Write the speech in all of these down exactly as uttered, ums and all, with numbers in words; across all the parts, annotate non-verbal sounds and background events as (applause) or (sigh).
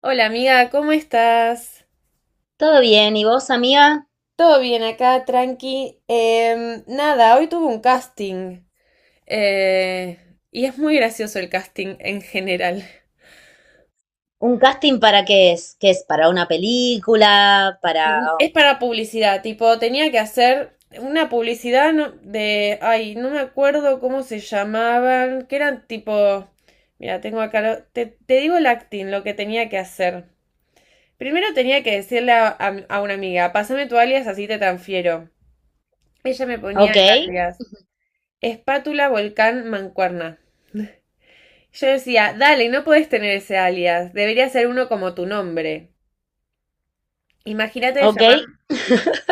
Hola amiga, ¿cómo estás? Todo bien, ¿y vos, amiga? Todo bien acá, tranqui. Em, nada, hoy tuve un casting. Eh, y es muy gracioso el casting en general. ¿Un casting para qué es? ¿Qué es? ¿Para una película? ¿Para...? Es para publicidad, tipo, tenía que hacer una publicidad no- de, ay, no me acuerdo cómo se llamaban, que eran tipo, mira, tengo acá, lo- te, te digo el acting, lo que tenía que hacer. Primero tenía que decirle a, a- a una amiga, pásame tu alias, así te transfiero. Ella me ponía Ok, el alias. Espátula Volcán Mancuerna. Yo decía, dale, no podés tener ese alias, debería ser uno como tu nombre. Imagínate de ok. llamar...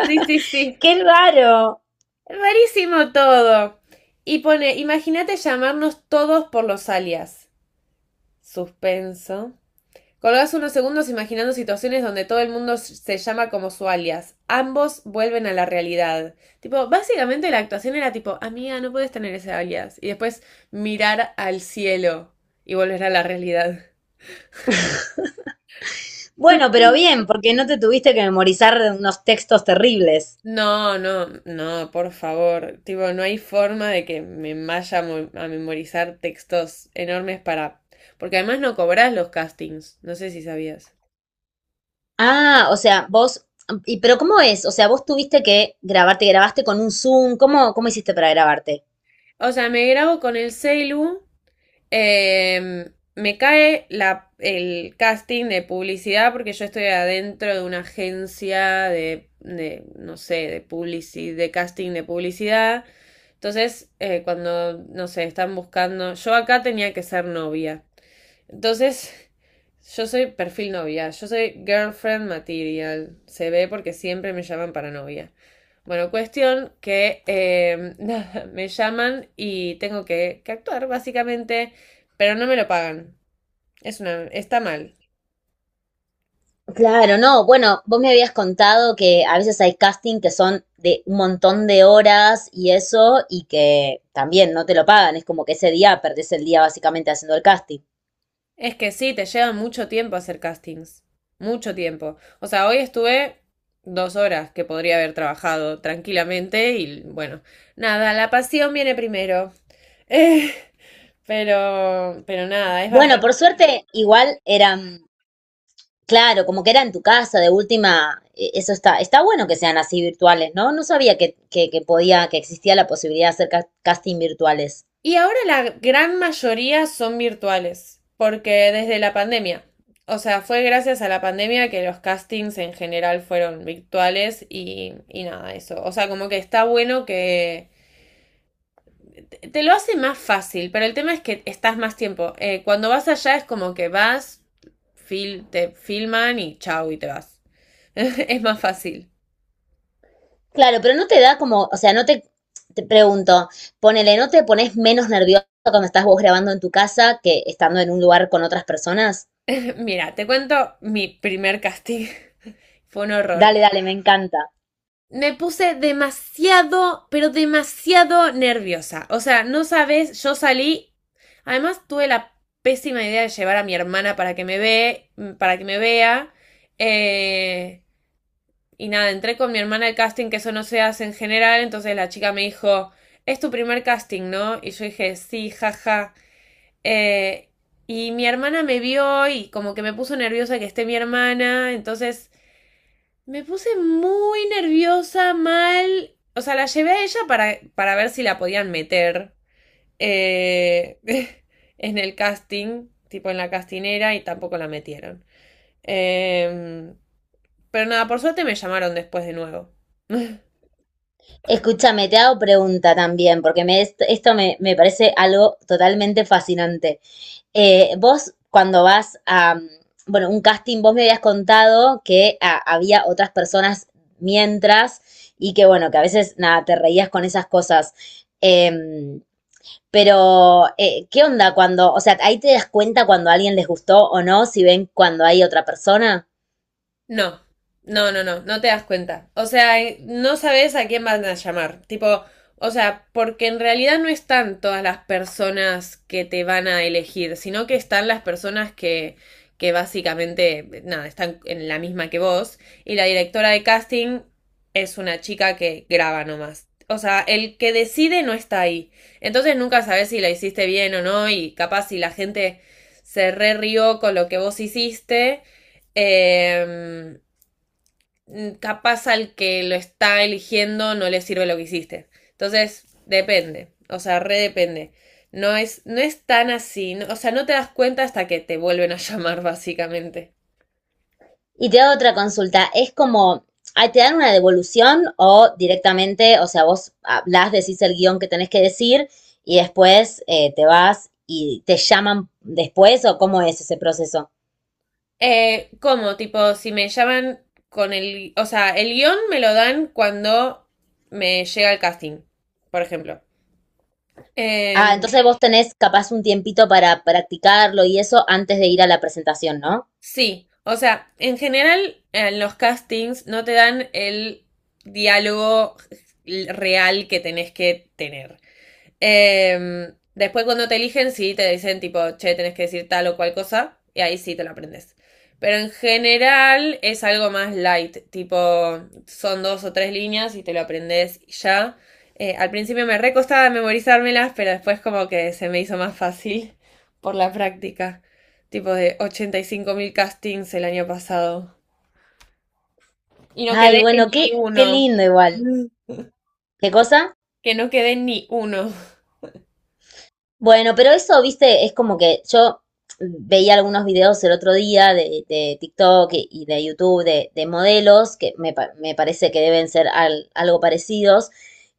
Sí, sí, sí. ¡Qué raro! Rarísimo todo. Y pone, imagínate llamarnos todos por los alias. Suspenso. Colgás unos segundos imaginando situaciones donde todo el mundo se llama como su alias. Ambos vuelven a la realidad. Tipo, básicamente la actuación era tipo, amiga, no puedes tener ese alias. Y después mirar al cielo y volver a la realidad. Tú- Bueno, pero bien, porque no te tuviste que memorizar unos textos terribles. No, no, no, por favor. Tipo, no hay forma de que me vaya a mo- a memorizar textos enormes para... Porque además no cobras los castings, no sé si sabías. Ah, o sea, vos... ¿Y pero cómo es? O sea, vos tuviste que grabarte, grabaste con un Zoom. ¿Cómo, cómo hiciste para grabarte? O sea, me grabo con el celu, em, me cae la, el casting de publicidad porque yo estoy adentro de una agencia de, de, no sé, de publici- de casting de publicidad. Entonces, eh, cuando, no sé, están buscando... Yo acá tenía que ser novia. Entonces, yo soy perfil novia, yo soy girlfriend material. Se ve porque siempre me llaman para novia. Bueno, cuestión que eh, (laughs) nada, me llaman y tengo que, que actuar, básicamente, pero no me lo pagan. Es una, está mal. Claro, no, bueno, vos me habías contado que a veces hay casting que son de un montón de horas y eso, y que también no te lo pagan, es como que ese día perdés el día básicamente haciendo el casting. Es que sí, te lleva mucho tiempo hacer castings. Mucho tiempo. O sea, hoy estuve dos horas que podría haber trabajado tranquilamente y bueno, nada, la pasión viene primero. Eh, pero, pero nada, es Bueno, bastante. por suerte, igual eran, claro, como que era en tu casa, de última, e- eso está, está bueno que sean así virtuales, ¿no? No sabía que, que, que podía, que existía la posibilidad de hacer ca- casting virtuales. Y ahora la gran mayoría son virtuales, porque desde la pandemia. O sea, fue gracias a la pandemia que los castings en general fueron virtuales y, y nada, eso. O sea, como que está bueno que te lo hace más fácil, pero el tema es que estás más tiempo. Eh, cuando vas allá es como que vas, fil te filman y chau y te vas. (laughs) Es más fácil. Claro, pero no te da como, o sea, no te, te pregunto, ponele, ¿no te pones menos nervioso cuando estás vos grabando en tu casa que estando en un lugar con otras personas? (laughs) Mira, te cuento mi primer casting. (laughs) Fue un Dale, horror. dale, me encanta. Me puse demasiado, pero demasiado nerviosa. O sea, no sabes, yo salí. Además, tuve la pésima idea de llevar a mi hermana para que me ve, para que me vea. Eh, Y nada, entré con mi hermana al casting, que eso no se hace en general, entonces la chica me dijo, es tu primer casting, ¿no? Y yo dije, sí, jaja. Eh, y mi hermana me vio y como que me puso nerviosa que esté mi hermana, entonces me puse muy nerviosa, mal. O sea, la llevé a ella para, para ver si la podían meter eh, (laughs) en el casting, tipo en la castinera, y tampoco la metieron. Eh, pero nada, por suerte me llamaron después de nuevo. Escúchame, te hago pregunta también, porque me, est- esto me, me parece algo totalmente fascinante. Eh, vos, cuando vas a, mm, bueno, un casting, vos me habías contado que ah, había otras personas mientras y que, bueno, que a veces, nada, te reías con esas cosas. Em, Pero, eh, ¿qué onda cuando, o sea, ahí te das cuenta cuando a alguien les gustó o no, si ven cuando hay otra persona? No, no, no, no, no te das cuenta. O sea, eh, no sabes a quién van a llamar. Tipo, o sea, porque en realidad no están todas las personas que te van a elegir, sino que están las personas que, que básicamente, nada, están en la misma que vos. Y la directora de casting es una chica que graba nomás. O sea, el que decide no está ahí. Entonces nunca sabes si la hiciste bien o no y capaz si la gente se re rió con lo que vos hiciste. Eh, mm, capaz al que lo está eligiendo no le sirve lo que hiciste. Entonces, depende, o sea, re depende. No es, no es tan así, no- o sea, no te das cuenta hasta que te vuelven a (laughs) llamar, básicamente. Y te da otra consulta, es como, ah, ¿te dan una devolución o directamente, o sea, vos hablas, decís el guión que tenés que decir y después eh, te vas y te llaman después o cómo es ese proceso? Eh, ¿cómo? Tipo, si me llaman con el, o sea, el guión me lo dan cuando me llega el casting, por ejemplo. Ah, Em, entonces vos tenés capaz un tiempito para practicarlo y eso antes de ir a la presentación, ¿no? Sí, o sea, en general en los castings no te dan el diálogo real que tenés que tener. Eh, después cuando te eligen, sí, te dicen tipo, che, tenés que decir tal o cual cosa, y ahí sí te lo aprendes. Pero en general es algo más light, tipo, son dos o tres líneas y te lo aprendes y ya. Eh, al principio me recostaba memorizármelas, pero después como que se me hizo más fácil (laughs) por la práctica. Tipo de ochenta y cinco mil castings el año pasado. Y no Ay, quedé en bueno, ni qué, qué uno. lindo igual. Mm. ¿Qué cosa? Que no quedé en ni uno. Bueno, pero eso, viste, es como que yo veía algunos videos el otro día de, de TikTok y y de YouTube de, de modelos, que me, pa- me parece que deben ser al- algo parecidos,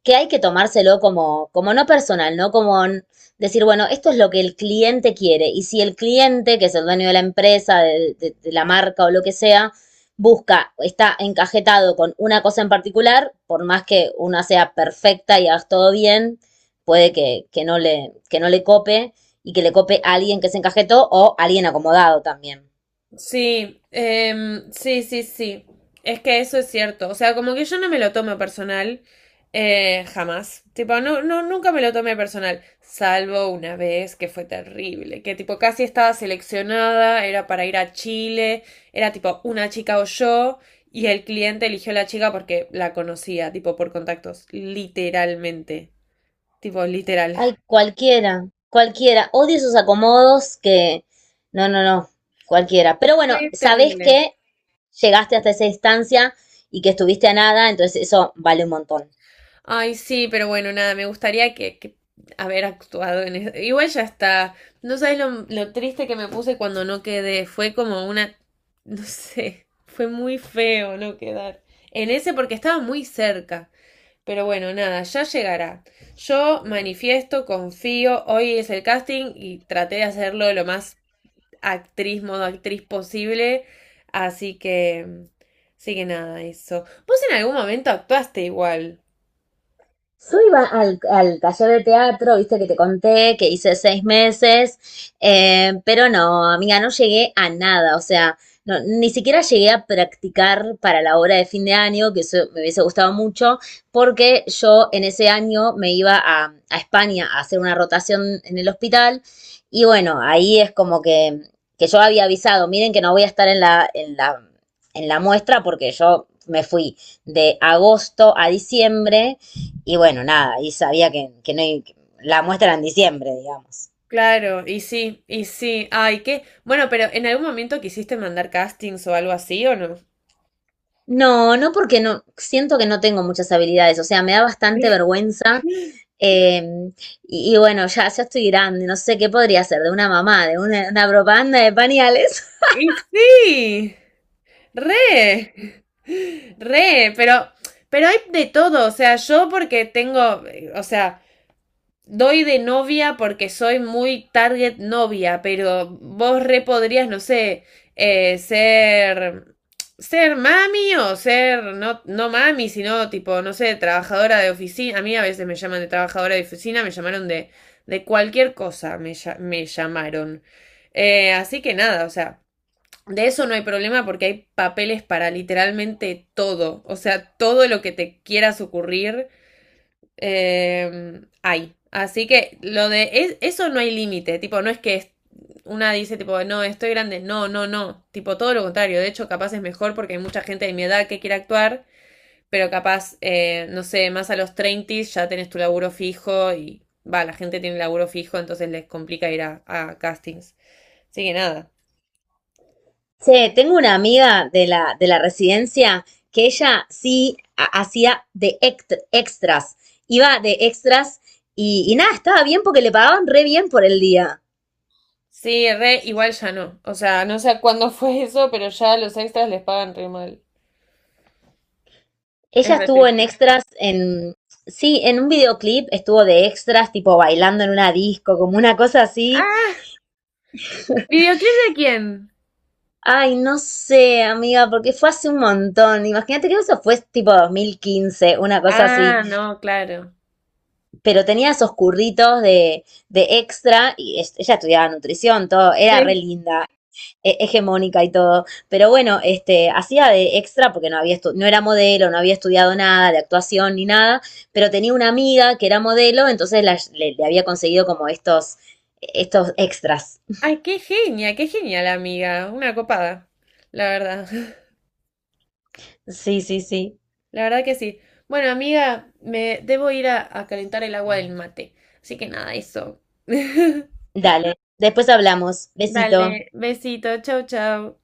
que hay que tomárselo como, como no personal, ¿no? Como n- decir, bueno, esto es lo que el cliente quiere. Y si el cliente, que es el dueño de la empresa, de, de- de la marca o lo que sea, busca, está encajetado con una cosa en particular, por más que una sea perfecta y hagas todo bien, puede que, que no le, que no le cope y que le cope a alguien que se encajetó o a alguien acomodado también. Sí, em, sí, sí, sí. Es que eso es cierto. O sea, como que yo no me lo tomo personal, eh, jamás. Tipo, no, no, nunca me lo tomé personal, salvo una vez que fue terrible, que tipo casi estaba seleccionada, era para ir a Chile, era tipo una chica o yo, y el cliente eligió a la chica porque la conocía, tipo por contactos, literalmente. Tipo, literal. Ay, (laughs) cualquiera, cualquiera. Odio esos acomodos que... No, no, no, cualquiera. Pero bueno, Fue sabés terrible. que llegaste hasta esa instancia y que estuviste a nada, entonces eso vale un montón. Ay, sí, pero bueno, nada, me gustaría que, que haber actuado en eso. Igual ya está. No sabes lo, lo triste que me puse cuando no quedé. Fue como una, no sé, fue muy feo no quedar. En ese porque estaba muy cerca. Pero bueno, nada, ya llegará. Yo manifiesto, confío, hoy es el casting y traté de hacerlo lo más actriz, modo actriz posible. Así que, sí que nada, eso. Vos en algún momento actuaste igual. Yo iba al, al taller de teatro, viste que te conté, que hice seis meses, eh, pero no, amiga, no llegué a nada, o sea, no, ni siquiera llegué a practicar para la obra de fin de año, que eso me hubiese gustado mucho, porque yo en ese año me iba a, a España a hacer una rotación en el hospital, y bueno, ahí es como que, que yo había avisado, miren que no voy a estar en la, en la, en la muestra porque yo me fui de agosto a diciembre y bueno, nada, y sabía que, que no hay- que la muestra era en diciembre, digamos. Claro, y sí, y sí. Ay, qué. Bueno, pero ¿en algún momento quisiste mandar castings o algo así o no? No, no porque no, siento que no tengo muchas habilidades, o sea, me da bastante vergüenza. eh, y, y bueno, ya, ya estoy grande, no sé qué podría ser de una mamá, de una, una propaganda de pañales. Y sí. Re, re, pero, pero hay de todo, o sea, yo porque tengo, eh, o sea, doy de novia porque soy muy target novia, pero vos re podrías, no sé, eh, ser ser mami o ser no, no mami, sino tipo, no sé, trabajadora de oficina. A mí a veces me llaman de trabajadora de oficina, me llamaron de, de cualquier cosa, me, me llamaron. Eh, así que nada, o sea, de eso no hay problema porque hay papeles para literalmente todo, o sea, todo lo que te quieras ocurrir eh, hay. Así que lo de es- eso no hay límite, tipo, no es que es- una dice tipo, no, estoy grande, no, no, no, tipo, todo lo contrario, de hecho capaz es mejor porque hay mucha gente de mi edad que quiere actuar, pero capaz, eh, no sé, más a los treinta ya tenés tu laburo fijo y va, la gente tiene laburo fijo, entonces les complica ir a, a castings. Así que nada. (laughs) Che, tengo una amiga de la, de la residencia que ella sí ha- hacía de ect- extras, iba de extras y, y nada, estaba bien porque le pagaban re bien por el día. Sí, re, igual ya no. O sea, no sé cuándo (laughs) fue eso, pero ya los extras les pagan re mal. Es Ella re estuvo en triste. extras en... Sí, en un videoclip estuvo de extras, tipo bailando en una disco, como una cosa así. ¡Ah! ¿Videoclip de quién? Ay, no sé, amiga, porque fue hace un montón. Imagínate que eso fue tipo dos mil quince una cosa así. Ah, no, claro. Pero tenía esos curritos de, de extra y es- ella estudiaba nutrición, todo. Era re Sí. linda. he- hegemónica y todo. Pero bueno, este, hacía de extra porque no había estu- no era modelo, no había estudiado nada de actuación ni nada, pero tenía una amiga que era modelo, entonces la- le, le había conseguido como estos, estos extras. Ay, qué genia, qué genial, amiga. Una copada, la verdad. (laughs) Sí, sí, sí. La verdad que sí. Bueno, amiga, me debo ir a, a calentar el agua del mate. Así que nada, eso. (laughs) Dale. Después hablamos. Besito. Dale, besito, chau, chau.